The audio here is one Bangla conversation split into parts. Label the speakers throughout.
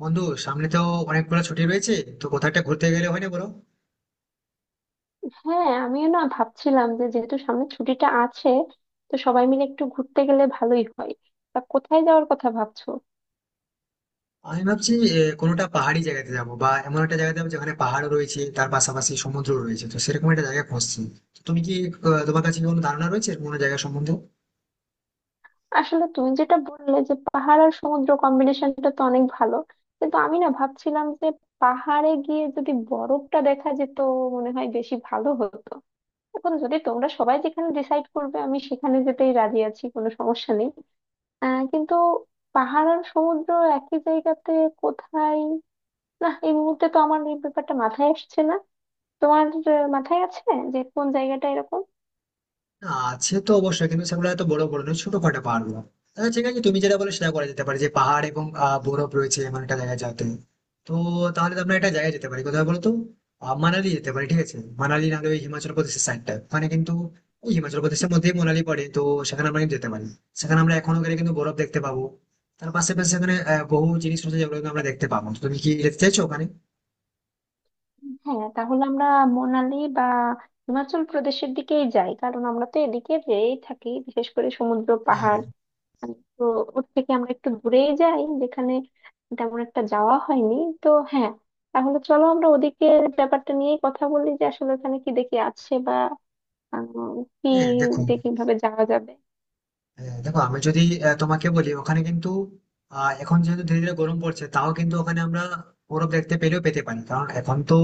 Speaker 1: বন্ধু, সামনে তো অনেকগুলো ছুটি রয়েছে, তো কোথাও একটা ঘুরতে গেলে হয় না বলো?
Speaker 2: হ্যাঁ, আমিও না ভাবছিলাম যে যেহেতু সামনে ছুটিটা আছে, তো সবাই মিলে একটু ঘুরতে গেলে ভালোই হয়। তা কোথায় যাওয়ার কথা ভাবছো?
Speaker 1: আমি ভাবছি কোনোটা পাহাড়ি জায়গাতে যাবো বা এমন একটা জায়গাতে যাবো যেখানে পাহাড় রয়েছে তার পাশাপাশি সমুদ্র রয়েছে, তো সেরকম একটা জায়গা খুঁজছি। তো তুমি কি তোমার কাছে কি কোনো ধারণা রয়েছে এরকম কোনো জায়গা সম্বন্ধে?
Speaker 2: আসলে তুমি যেটা বললে যে পাহাড় আর সমুদ্র কম্বিনেশনটা তো অনেক ভালো, কিন্তু আমি না ভাবছিলাম যে পাহাড়ে গিয়ে যদি বরফটা দেখা যেত মনে হয় বেশি ভালো হতো। এখন যদি তোমরা সবাই যেখানে ডিসাইড করবে আমি সেখানে যেতেই রাজি আছি, কোনো সমস্যা নেই। কিন্তু পাহাড় আর সমুদ্র একই জায়গাতে কোথায়? না, এই মুহূর্তে তো আমার এই ব্যাপারটা মাথায় আসছে না। তোমার মাথায় আছে যে কোন জায়গাটা এরকম?
Speaker 1: না, আছে তো অবশ্যই, কিন্তু সেগুলো এত বড় বড় নয়, ছোটখাটো পাহাড় গুলো। তাহলে ঠিক আছে, তুমি যেটা বলে সেটা করা যেতে পারে, যে পাহাড় এবং বরফ রয়েছে এমন একটা জায়গায় যাতে। তো তাহলে তো আমরা একটা জায়গায় যেতে পারি, কোথায় বলতো? মানালি যেতে পারি, ঠিক আছে মানালি, নাহলে ওই হিমাচল প্রদেশের সাইডটা মানে কিন্তু ওই হিমাচল প্রদেশের মধ্যেই মানালি পড়ে তো। সেখানে আমরা কিন্তু যেতে পারি, সেখানে আমরা এখনো গেলে কিন্তু বরফ দেখতে পাবো। তার পাশাপাশি সেখানে বহু জিনিস রয়েছে যেগুলো কিন্তু আমরা দেখতে পাবো, তো তুমি কি যেতে চাইছো ওখানে?
Speaker 2: হ্যাঁ, তাহলে আমরা মোনালি বা হিমাচল প্রদেশের দিকেই যাই, কারণ আমরা তো এদিকে যেয়েই থাকি বিশেষ করে সমুদ্র
Speaker 1: হ্যাঁ,
Speaker 2: পাহাড়। তো ওর থেকে আমরা একটু দূরেই যাই যেখানে তেমন একটা যাওয়া হয়নি। তো হ্যাঁ, তাহলে চলো আমরা ওদিকে ব্যাপারটা নিয়েই কথা বলি, যে আসলে ওখানে কি দেখি আছে বা আহ, কি,
Speaker 1: হ্যাঁ, দেখো।
Speaker 2: যে কিভাবে যাওয়া যাবে।
Speaker 1: হ্যাঁ, দেখো আমি যদি তোমাকে বলি, ওখানে কিন্তু এখন যেহেতু ধীরে ধীরে গরম পড়ছে, তাও কিন্তু ওখানে আমরা বরফ দেখতে পেলেও পেতে পারি, কারণ এখন তো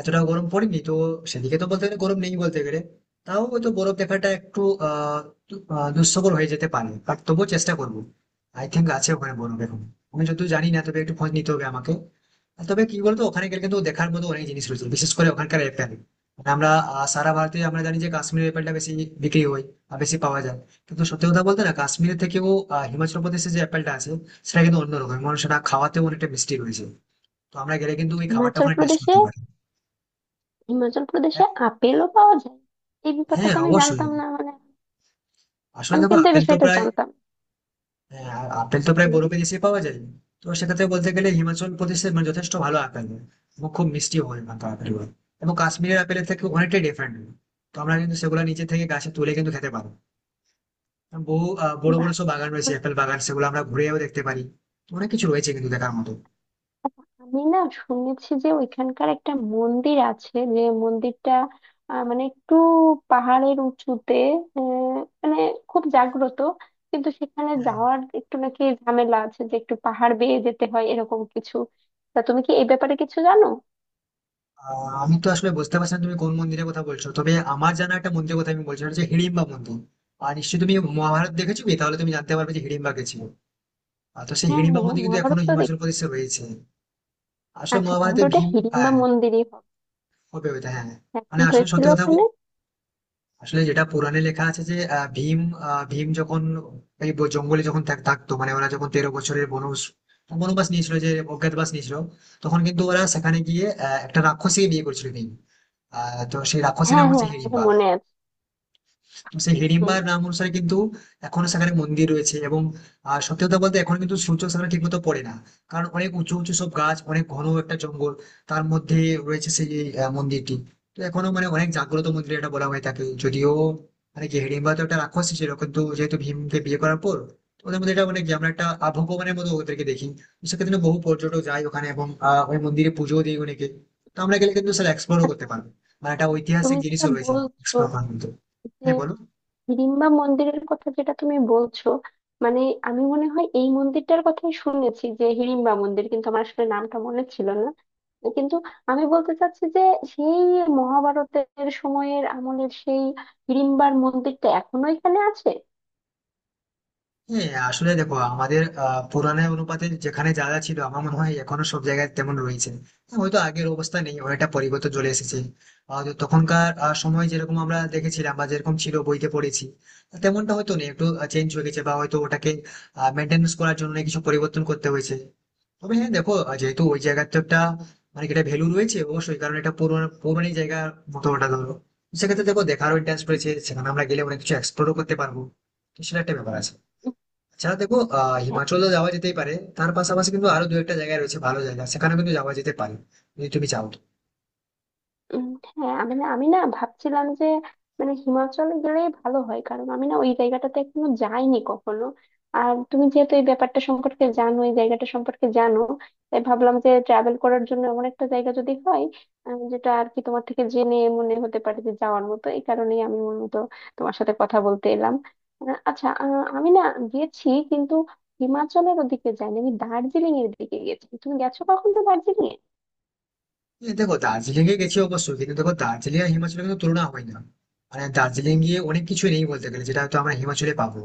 Speaker 1: এতটা গরম পড়েনি তো, সেদিকে তো বলতে গেলে গরম নেই বলতে গেলে। তাও হয়তো বরফ দেখাটা একটু আহ দুঃস্থকর হয়ে যেতে পারে, বাট তবুও চেষ্টা করবো। আই থিঙ্ক আছে ওখানে বরফ এখন, আমি যদিও জানি না, তবে একটু খোঁজ নিতে হবে আমাকে। আর তবে কি বলতো, ওখানে গেলে কিন্তু দেখার মতো অনেক জিনিস রয়েছে, বিশেষ করে ওখানকার অ্যাপেল। আমরা সারা ভারতে আমরা জানি যে কাশ্মীরের অ্যাপেলটা বেশি বিক্রি হয় বা বেশি পাওয়া যায়, কিন্তু সত্যি কথা বলতে না, কাশ্মীরের থেকেও হিমাচল প্রদেশে যে অ্যাপেলটা আছে সেটা কিন্তু অন্যরকম, মানে সেটা খাওয়াতেও অনেকটা মিষ্টি রয়েছে। তো আমরা গেলে কিন্তু ওই খাবারটা
Speaker 2: হিমাচল
Speaker 1: ওখানে টেস্ট
Speaker 2: প্রদেশে,
Speaker 1: করতে পারি।
Speaker 2: হিমাচল প্রদেশে
Speaker 1: হ্যাঁ।
Speaker 2: আপেলও পাওয়া যায়? এই ব্যাপারটা
Speaker 1: হ্যাঁ,
Speaker 2: তো আমি
Speaker 1: অবশ্যই।
Speaker 2: জানতাম না, মানে
Speaker 1: আসলে
Speaker 2: আমি
Speaker 1: দেখো
Speaker 2: কিন্তু এই
Speaker 1: আপেল তো
Speaker 2: বিষয়টা
Speaker 1: প্রায়,
Speaker 2: জানতাম না।
Speaker 1: আপেল তো প্রায়
Speaker 2: হুম।
Speaker 1: বরফে দেশে পাওয়া যায়। তো সেক্ষেত্রে বলতে গেলে হিমাচল প্রদেশে মানে যথেষ্ট ভালো আপেল হয়, এবং খুব মিষ্টি হয় ওখানকার আপেলগুলো, এবং কাশ্মীরের আপেলের থেকে অনেকটাই ডিফারেন্ট। তো আমরা কিন্তু সেগুলো নিচে থেকে গাছে তুলে কিন্তু খেতে পারবো, এবং বহু বড়
Speaker 2: বাহ,
Speaker 1: বড় সব বাগান রয়েছে
Speaker 2: তাহলে
Speaker 1: আপেল বাগান, সেগুলো আমরা ঘুরেও দেখতে পারি। তো অনেক কিছু রয়েছে কিন্তু দেখার মতো।
Speaker 2: আমি না শুনেছি যে ওইখানকার একটা মন্দির আছে, যে মন্দিরটা মানে একটু পাহাড়ের উঁচুতে, আহ, মানে খুব জাগ্রত, কিন্তু সেখানে
Speaker 1: হ্যাঁ।
Speaker 2: যাওয়ার একটু নাকি ঝামেলা আছে, যে একটু পাহাড় বেয়ে যেতে হয় এরকম কিছু। তা তুমি কি এই ব্যাপারে কিছু জানো?
Speaker 1: আমি তো আসলে বুঝতে পারছি না তুমি কোন মন্দিরের কথা বলছো, তবে আমার জানা একটা মন্দিরের কথা আমি বলছি, সেটা হচ্ছে হিড়িম্বা মন্দির। আর নিশ্চয়ই তুমি মহাভারত দেখেছো কি? তাহলে তুমি জানতে পারবে যে হিড়িম্বা কে ছিল। আর তো সেই
Speaker 2: হ্যাঁ
Speaker 1: হিড়িম্বা
Speaker 2: হ্যাঁ,
Speaker 1: মন্দির কিন্তু
Speaker 2: মহাভারত
Speaker 1: এখনো
Speaker 2: তো
Speaker 1: হিমাচল
Speaker 2: দেখি।
Speaker 1: প্রদেশে রয়েছে। আসলে
Speaker 2: আচ্ছা,
Speaker 1: মহাভারতে
Speaker 2: তাহলে ওটা
Speaker 1: ভীম,
Speaker 2: হিড়িম্বা
Speaker 1: হ্যাঁ।
Speaker 2: মন্দিরই হবে।
Speaker 1: হবে ওইটা, হ্যাঁ।
Speaker 2: হ্যাঁ,
Speaker 1: মানে
Speaker 2: কি
Speaker 1: আসলে
Speaker 2: হয়েছিল
Speaker 1: সত্যি কথা
Speaker 2: ওখানে?
Speaker 1: আসলে যেটা পুরাণে লেখা আছে যে ভীম, ভীম যখন এই জঙ্গলে যখন থাকতো, মানে ওরা যখন 13 বছরের বনবাস, বনবাস নিয়েছিল, যে অজ্ঞাতবাস নিয়েছিল, তখন কিন্তু ওরা সেখানে গিয়ে একটা রাক্ষসীকে বিয়ে করেছিল ভীম। তো সেই রাক্ষসীর
Speaker 2: হ্যাঁ
Speaker 1: নাম হচ্ছে
Speaker 2: হ্যাঁ, এটা
Speaker 1: হিড়িম্বা।
Speaker 2: মনে আছে।
Speaker 1: সেই
Speaker 2: হুম।
Speaker 1: হিড়িম্বার নাম অনুসারে কিন্তু এখনো সেখানে মন্দির রয়েছে, এবং সত্যি কথা বলতে এখন কিন্তু সূর্য সেখানে ঠিকমতো পড়ে না, কারণ অনেক উঁচু উঁচু সব গাছ, অনেক ঘন একটা জঙ্গল, তার মধ্যে রয়েছে সেই মন্দিরটি। তো এখনো মানে অনেক জাগ্রত মন্দির এটা, বলা হয় তাকে। যদিও মানে কি, হিড়িম্বা তো একটা রাক্ষসী ছিল, কিন্তু যেহেতু ভীমকে বিয়ে করার পর, তো ওদের মধ্যে এটা মানে কি আমরা একটা ভগবানের মতো ওদেরকে দেখি। তো সেক্ষেত্রে বহু পর্যটক যায় ওখানে এবং ওই মন্দিরে পুজো দিই অনেকে। তো আমরা গেলে কিন্তু স্যার এক্সপ্লোরও
Speaker 2: আচ্ছা,
Speaker 1: করতে পারবো, মানে একটা ঐতিহাসিক
Speaker 2: তুমি যেটা
Speaker 1: জিনিসও রয়েছে
Speaker 2: বলছো
Speaker 1: এক্সপ্লোর করার মতো।
Speaker 2: যে
Speaker 1: হ্যাঁ বলো।
Speaker 2: হিড়িম্বা মন্দিরের কথা যেটা তুমি বলছো, মানে আমি মনে হয় এই মন্দিরটার কথাই শুনেছি, যে হিড়িম্বা মন্দির, কিন্তু আমার আসলে নামটা মনে ছিল না। কিন্তু আমি বলতে চাচ্ছি যে সেই মহাভারতের সময়ের আমলের সেই হিড়িম্বার মন্দিরটা এখনো এখানে আছে।
Speaker 1: হ্যাঁ, আসলে দেখো আমাদের পুরানের অনুপাতে যেখানে যা যা ছিল, আমার মনে হয় এখনো সব জায়গায় তেমন রয়েছে। হ্যাঁ, হয়তো আগের অবস্থা নেই, অনেকটা পরিবর্তন চলে এসেছে। তো তখনকার সময় যেরকম আমরা দেখেছিলাম বা যেরকম ছিল বইতে পড়েছি, তেমনটা হয়তো নেই, একটু চেঞ্জ হয়ে গেছে, বা হয়তো ওটাকে মেনটেন্স করার জন্য কিছু পরিবর্তন করতে হয়েছে। তবে হ্যাঁ দেখো যেহেতু ওই জায়গার তো একটা মানে কি এটা ভ্যালু রয়েছে অবশ্যই, কারণ এটা পুরনো পুরনো জায়গার মতো ওটা ধরো। সেক্ষেত্রে দেখো দেখারও ইন্টারেস্ট রয়েছে, সেখানে আমরা গেলে অনেক কিছু এক্সপ্লোরও করতে পারবো। তো সেটা একটা ব্যাপার আছে। আচ্ছা দেখো
Speaker 2: হ্যাঁ।
Speaker 1: হিমাচল তো যাওয়া যেতেই পারে, তার পাশাপাশি কিন্তু আরো দু একটা জায়গা রয়েছে ভালো জায়গা, সেখানে কিন্তু যাওয়া যেতে পারে, যদি তুমি চাও।
Speaker 2: উম, হ্যাঁ, আমি না ভাবছিলাম যে মানে হিমাচলে গেলেই ভালো হয়, কারণ আমি না ওই জায়গাটাতে এখনো যাইনি কখনো। আর তুমি যেহেতু এই ব্যাপারটা সম্পর্কে জানো, এই জায়গাটা সম্পর্কে জানো, তাই ভাবলাম যে ট্রাভেল করার জন্য এমন একটা জায়গা যদি হয় যেটা আর কি তোমার থেকে জেনে মনে হতে পারে যে যাওয়ার মতো, এই কারণেই আমি মূলত তোমার সাথে কথা বলতে এলাম। আচ্ছা, আমি না গেছি, কিন্তু হিমাচলের ওদিকে যাইনি, আমি দার্জিলিং এর দিকে গেছি। তুমি গেছো কখনো দার্জিলিং এ?
Speaker 1: এই দেখো দার্জিলিং এ গেছি অবশ্যই, কিন্তু দেখো দার্জিলিং আর হিমাচলের কিন্তু তুলনা হয় না, মানে দার্জিলিং গিয়ে অনেক কিছু নেই বলতে গেলে যেটা হয়তো আমরা হিমাচলে পাবো।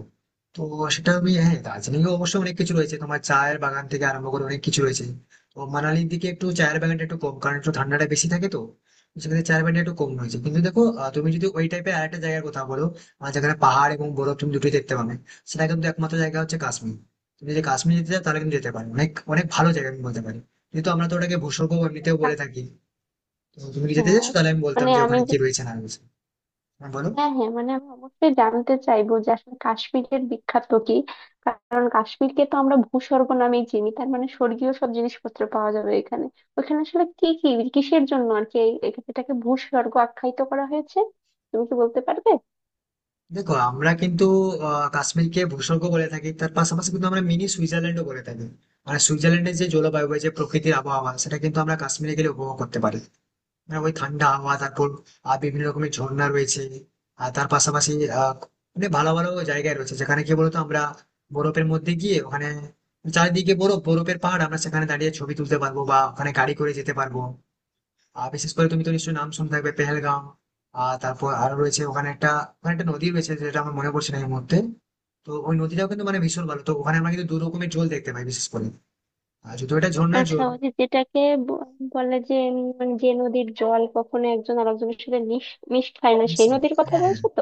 Speaker 1: তো সেটা আমি, হ্যাঁ দার্জিলিং এ অবশ্যই অনেক কিছু রয়েছে, তোমার চায়ের বাগান থেকে আরম্ভ করে অনেক কিছু রয়েছে। তো মানালির দিকে একটু চায়ের বাগানটা একটু কম, কারণ একটু ঠান্ডাটা বেশি থাকে তো। তো সেক্ষেত্রে চায়ের বাগানটা একটু কম রয়েছে, কিন্তু দেখো তুমি যদি ওই টাইপের আরেকটা জায়গার কথা বলো, যেখানে পাহাড় এবং বরফ তুমি দুটোই দেখতে পাবে, সেটা কিন্তু একমাত্র জায়গা হচ্ছে কাশ্মীর। তুমি যদি কাশ্মীর যেতে চাও তাহলে কিন্তু যেতে পারো, অনেক অনেক ভালো জায়গা আমি বলতে পারি, কিন্তু আমরা তো ওটাকে ভূস্বর্গ এমনিতেও বলে
Speaker 2: আহ,
Speaker 1: থাকি। তো তুমি কি যেতে
Speaker 2: হ্যাঁ,
Speaker 1: চাইছো? তাহলে আমি বলতাম
Speaker 2: মানে
Speaker 1: যে
Speaker 2: আমি
Speaker 1: ওখানে কি রয়েছে না রয়েছে। হ্যাঁ, বলো।
Speaker 2: হ্যাঁ হ্যাঁ, মানে আমি অবশ্যই জানতে চাইবো যে আসলে কাশ্মীরের বিখ্যাত কি, কারণ কাশ্মীরকে তো আমরা ভূস্বর্গ নামেই চিনি, তার মানে স্বর্গীয় সব জিনিসপত্র পাওয়া যাবে এখানে। ওখানে আসলে কি কি, কিসের জন্য আর কি এটাকে ভূস্বর্গ আখ্যায়িত করা হয়েছে? তুমি কি বলতে পারবে?
Speaker 1: দেখো আমরা কিন্তু কাশ্মীরকে ভূস্বর্গ বলে থাকি, তার পাশাপাশি কিন্তু আমরা মিনি সুইজারল্যান্ডও বলে থাকি। আর সুইজারল্যান্ডের যে জলবায়ু বা যে প্রকৃতির আবহাওয়া সেটা কিন্তু আমরা কাশ্মীরে গেলে উপভোগ করতে পারি, মানে ওই ঠান্ডা আবহাওয়া, তারপর বিভিন্ন রকমের ঝর্ণা রয়েছে। আর তার পাশাপাশি আহ মানে ভালো ভালো জায়গায় রয়েছে যেখানে কি বলতো আমরা বরফের মধ্যে গিয়ে ওখানে চারিদিকে বরফ, বরফের পাহাড়, আমরা সেখানে দাঁড়িয়ে ছবি তুলতে পারবো বা ওখানে গাড়ি করে যেতে পারবো। বিশেষ করে তুমি তো নিশ্চয়ই নাম শুনে থাকবে পেহেলগাঁও। তারপর আরো রয়েছে ওখানে একটা, ওখানে একটা নদী রয়েছে যেটা আমার মনে পড়ছে না এই মুহূর্তে। তো ওই নদীটাও কিন্তু মানে ভীষণ ভালো, তো ওখানে আমরা কিন্তু দু রকমের জল দেখতে পাই বিশেষ করে, আর যদিও এটা ঝর্ণার
Speaker 2: আচ্ছা,
Speaker 1: জল।
Speaker 2: ওই যে যেটাকে ব- বলে, যে মানে যে নদীর জল কখনো একজন আরেকজনের সাথে মিশ মিশ খায় না, সেই
Speaker 1: মিশিং,
Speaker 2: নদীর কথা
Speaker 1: হ্যাঁ।
Speaker 2: বলছো তো?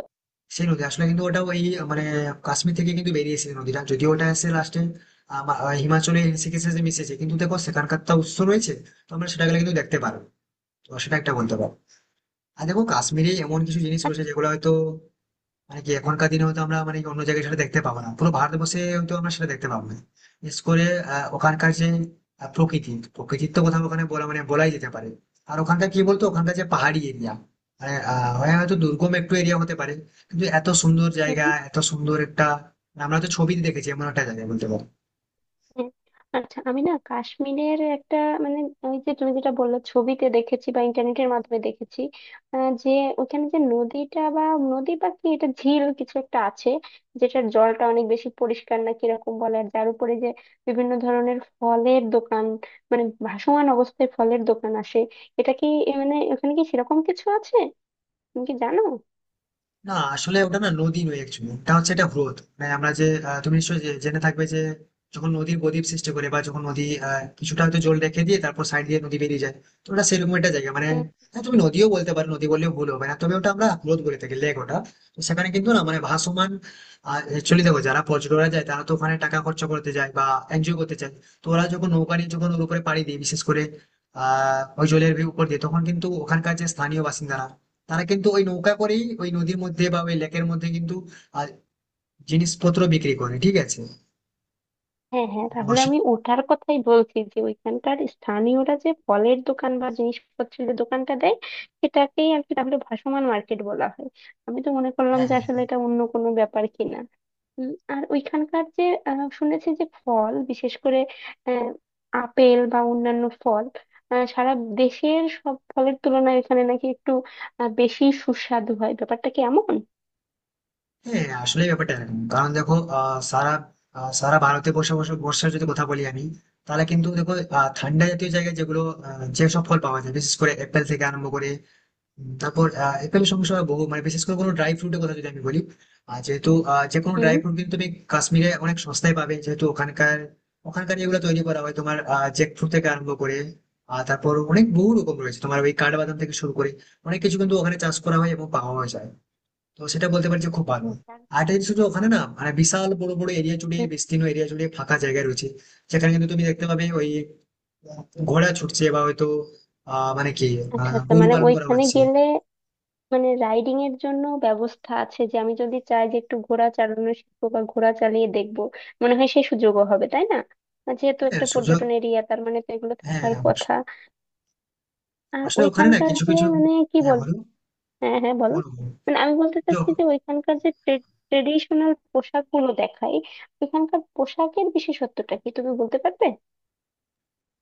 Speaker 1: সেই নদী আসলে কিন্তু ওটা ওই মানে কাশ্মীর থেকে কিন্তু বেরিয়েছে এই নদীটা, যদিও ওটা এসে লাস্টে হিমাচলে ঋষিকেশে যে মিশেছে, কিন্তু দেখো সেখানকার তো উৎস রয়েছে। তো আমরা সেটা গেলে কিন্তু দেখতে পারবো, তো সেটা একটা বলতে পারো। আর দেখো কাশ্মীরে এমন কিছু জিনিস রয়েছে যেগুলো হয়তো মানে কি এখনকার দিনে হয়তো আমরা মানে অন্য জায়গায় সেটা দেখতে পাবো না, পুরো ভারতবর্ষে হয়তো আমরা সেটা দেখতে পাবো না, বিশেষ করে ওখানকার যে প্রকৃতি, প্রকৃতির তো কথা ওখানে বলা মানে বলাই যেতে পারে। আর ওখানকার কি বলতো, ওখানকার যে পাহাড়ি এরিয়া, মানে হয় হয়তো দুর্গম একটু এরিয়া হতে পারে, কিন্তু এত সুন্দর জায়গা,
Speaker 2: আচ্ছা।
Speaker 1: এত সুন্দর একটা মানে আমরা তো ছবিতে দেখেছি এমন একটা জায়গা বলতে পারো।
Speaker 2: হুম। আচ্ছা, আমি না কাশ্মীরের একটা, মানে ওই যে তুমি যেটা বললে, ছবিতে দেখেছি বা ইন্টারনেটের মাধ্যমে দেখেছি, যে ওখানে যে নদীটা বা নদী বা কি, এটা ঝিল কিছু একটা আছে, যেটার জলটা অনেক বেশি পরিষ্কার না কিরকম বলে, আর যার উপরে যে বিভিন্ন ধরনের ফলের দোকান, মানে ভাসমান অবস্থায় ফলের দোকান আসে, এটা কি এ, মানে ওখানে কি সেরকম কিছু আছে? তুমি কি জানো?
Speaker 1: না আসলে ওটা না নদী নয়, অ্যাকচুয়ালি ওটা হচ্ছে একটা হ্রদ, মানে আমরা যে তুমি নিশ্চয়ই জেনে থাকবে যে যখন নদীর বদ্বীপ সৃষ্টি করে বা যখন নদী কিছুটা হয়তো জল রেখে দিয়ে তারপর সাইড দিয়ে নদী বেরিয়ে যায়, তো ওটা সেরকম একটা জায়গা মানে। হ্যাঁ, তুমি নদীও বলতে পারো, নদী বললেও ভুল হবে না, তবে ওটা আমরা হ্রদ বলে থাকি, লেক ওটা। তো সেখানে কিন্তু না মানে ভাসমান চলে, দেখো যারা পর্যটকরা যায় তারা তো ওখানে টাকা খরচা করতে যায় বা এনজয় করতে চায়। তো ওরা যখন নৌকা নিয়ে যখন ওর উপরে পাড়ি দিয়ে বিশেষ করে ওই জলের ভিউ উপর দিয়ে, তখন কিন্তু ওখানকার যে স্থানীয় বাসিন্দারা, তারা কিন্তু ওই নৌকা করেই ওই নদীর মধ্যে বা ওই লেকের মধ্যে কিন্তু আহ, জিনিসপত্র বিক্রি করে, ঠিক আছে।
Speaker 2: হ্যাঁ হ্যাঁ, তাহলে
Speaker 1: বসে-
Speaker 2: আমি ওটার কথাই বলছি, যে ওইখানকার স্থানীয়রা যে ফলের দোকান বা জিনিসপত্রের যে দোকানটা দেয়, সেটাকেই আর কি তাহলে ভাসমান মার্কেট বলা হয়। আমি তো মনে করলাম যে
Speaker 1: হ্যাঁ।
Speaker 2: আসলে এটা অন্য কোনো ব্যাপার কিনা। আর ওইখানকার যে শুনেছি যে ফল বিশেষ করে আহ, আপেল বা অন্যান্য ফল সারা দেশের সব ফলের তুলনায় এখানে নাকি একটু বেশি সুস্বাদু হয়, ব্যাপারটা কি এমন?
Speaker 1: হ্যাঁ আসলে ব্যাপারটা এরকম, কারণ দেখো সারা ভারতে বসে বসে বর্ষার যদি কথা বলি আমি, তাহলে কিন্তু দেখো ঠান্ডা জাতীয় জায়গায় যেগুলো যেসব ফল পাওয়া যায়, বিশেষ করে অ্যাপেল থেকে আরম্ভ করে, তারপর একটা বেশ সমস্যা হয় বহু, মানে বিশেষ করে কোনো ড্রাই ফ্রুটের কথা যদি আমি বলি, যে কোনো
Speaker 2: হুম।
Speaker 1: ড্রাই ফ্রুট কিন্তু তুমি কাশ্মীরে অনেক সস্তায় পাবে, যেহেতু ওখানকার, ওখানকার এগুলো তৈরি করা হয়, তোমার জ্যাক ফ্রুট থেকে আরম্ভ করে, আর তারপর অনেক বহু রকম রয়েছে তোমার ওই কাঠবাদাম থেকে শুরু করে, অনেক কিছু কিন্তু ওখানে চাষ করা হয় এবং পাওয়া যায়। তো সেটা বলতে পারি যে খুব ভালো।
Speaker 2: হুম।
Speaker 1: আর একটা জিনিস হচ্ছে ওখানে না মানে বিশাল বড় বড় এরিয়া জুড়ে,
Speaker 2: হুম।
Speaker 1: বিস্তীর্ণ এরিয়া জুড়ে ফাঁকা জায়গা রয়েছে, যেখানে কিন্তু তুমি দেখতে পাবে ওই আহ, ঘোড়া ছুটছে বা হয়তো মানে কি
Speaker 2: আচ্ছা আচ্ছা,
Speaker 1: গরু
Speaker 2: মানে
Speaker 1: পালন করা
Speaker 2: ওইখানে
Speaker 1: হচ্ছে।
Speaker 2: গেলে মানে রাইডিং এর জন্য ব্যবস্থা আছে, যে আমি যদি চাই যে একটু ঘোড়া চালানো শিখবো বা ঘোড়া চালিয়ে দেখবো, মনে হয় সেই সুযোগও হবে, তাই না? আর যেহেতু একটা
Speaker 1: হ্যাঁ, সুযোগ।
Speaker 2: পর্যটন এরিয়া, তার মানে তো এগুলো
Speaker 1: হ্যাঁ,
Speaker 2: থাকার কথা। আর
Speaker 1: আসলে ওখানে না
Speaker 2: ওইখানকার
Speaker 1: কিছু,
Speaker 2: যে
Speaker 1: কিছু
Speaker 2: মানে কি
Speaker 1: হ্যাঁ,
Speaker 2: বলবো।
Speaker 1: বলো,
Speaker 2: হ্যাঁ হ্যাঁ, বলো।
Speaker 1: বলো, বলো।
Speaker 2: মানে আমি বলতে চাচ্ছি যে ওইখানকার যে ট্রেডিশনাল পোশাক গুলো দেখায়, ওইখানকার পোশাকের বিশেষত্বটা কি তুমি বলতে পারবে?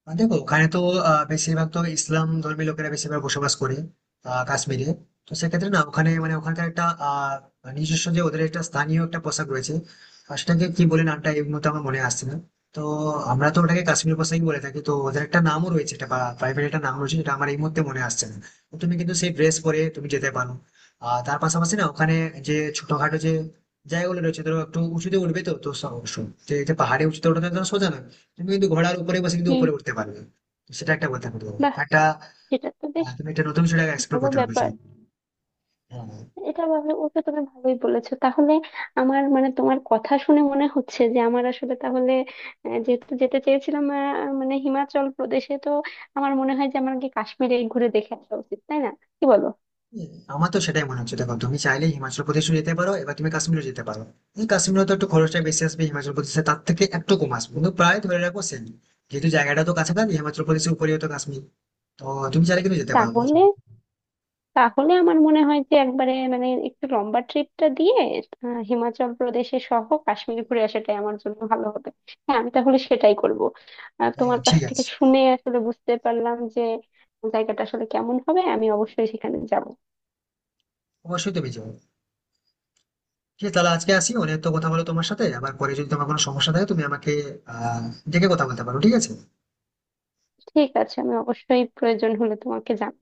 Speaker 1: দেখো ওখানে তো বেশিরভাগ তো ইসলাম ধর্মী লোকেরা বেশিরভাগ বসবাস করে কাশ্মীরে। তো সেক্ষেত্রে না ওখানে মানে ওখানকার একটা নিজস্ব, যে ওদের একটা স্থানীয় একটা পোশাক রয়েছে, আর সেটাকে কি বলে নামটা এই মুহূর্তে আমার মনে আসছে না। তো আমরা তো ওটাকে কাশ্মীর পোশাকই বলে থাকি, তো ওদের একটা নামও রয়েছে এটা, প্রাইভেট একটা নাম রয়েছে যেটা আমার এই মুহূর্তে মনে আসছে না। তো তুমি কিন্তু সেই ড্রেস পরে তুমি যেতে পারো। আর তার পাশাপাশি না ওখানে যে ছোটখাটো যে জায়গাগুলো রয়েছে, ধরো একটু উঁচুতে উঠবে তো, তো যে যে পাহাড়ে উঁচুতে ওঠা তো একদম সোজা না, তুমি কিন্তু ঘোড়ার উপরে বসে কিন্তু
Speaker 2: হুম।
Speaker 1: উপরে উঠতে পারবে। তো সেটা একটা কথা বলতে পারো,
Speaker 2: বাহ,
Speaker 1: একটা
Speaker 2: সেটা তো বেশ
Speaker 1: তুমি একটা নতুন সেটাকে এক্সপ্লোর
Speaker 2: ভালো
Speaker 1: করতে পারবে।
Speaker 2: ব্যাপার।
Speaker 1: হ্যাঁ।
Speaker 2: এটা ভাবে ওকে, তুমি ভালোই বলেছো তাহলে। আমার মানে তোমার কথা শুনে মনে হচ্ছে যে আমার আসলে তাহলে যেহেতু যেতে চেয়েছিলাম, মানে হিমাচল প্রদেশে, তো আমার মনে হয় যে আমাকে কাশ্মীরে ঘুরে দেখে আসা উচিত, তাই না? কি বলো?
Speaker 1: আমার তো সেটাই মনে হচ্ছে, দেখো তুমি চাইলে হিমাচল প্রদেশও যেতে পারো, এবার তুমি কাশ্মীরও যেতে পারো, কিন্তু কাশ্মীরে তো একটু খরচটা বেশি আসবে, হিমাচল প্রদেশে তার থেকে একটু কম আসবে, কিন্তু প্রায় ধরে রাখো সেম, যেহেতু জায়গাটা তো কাছাকাছি, হিমাচল প্রদেশের উপরে তো কাশ্মীর। তো তুমি চাইলে কিন্তু যেতে পারো।
Speaker 2: তাহলে, তাহলে আমার মনে হয় যে একবারে মানে একটু লম্বা ট্রিপটা দিয়ে হিমাচল প্রদেশে সহ কাশ্মীর ঘুরে আসাটাই আমার জন্য ভালো হবে। হ্যাঁ, আমি তাহলে সেটাই করব।
Speaker 1: হ্যাঁ
Speaker 2: তোমার কাছ
Speaker 1: ঠিক
Speaker 2: থেকে
Speaker 1: আছে।
Speaker 2: শুনে আসলে বুঝতে পারলাম যে জায়গাটা আসলে কেমন হবে, আমি অবশ্যই সেখানে যাব।
Speaker 1: অবশ্যই তুমি যাও। ঠিক আছে তাহলে আজকে আসি, অনেক তো কথা বলো তোমার সাথে, আবার পরে যদি তোমার কোনো সমস্যা থাকে তুমি আমাকে আহ ডেকে কথা বলতে পারো, ঠিক আছে।
Speaker 2: ঠিক আছে, আমি অবশ্যই প্রয়োজন হলে তোমাকে জানাবো।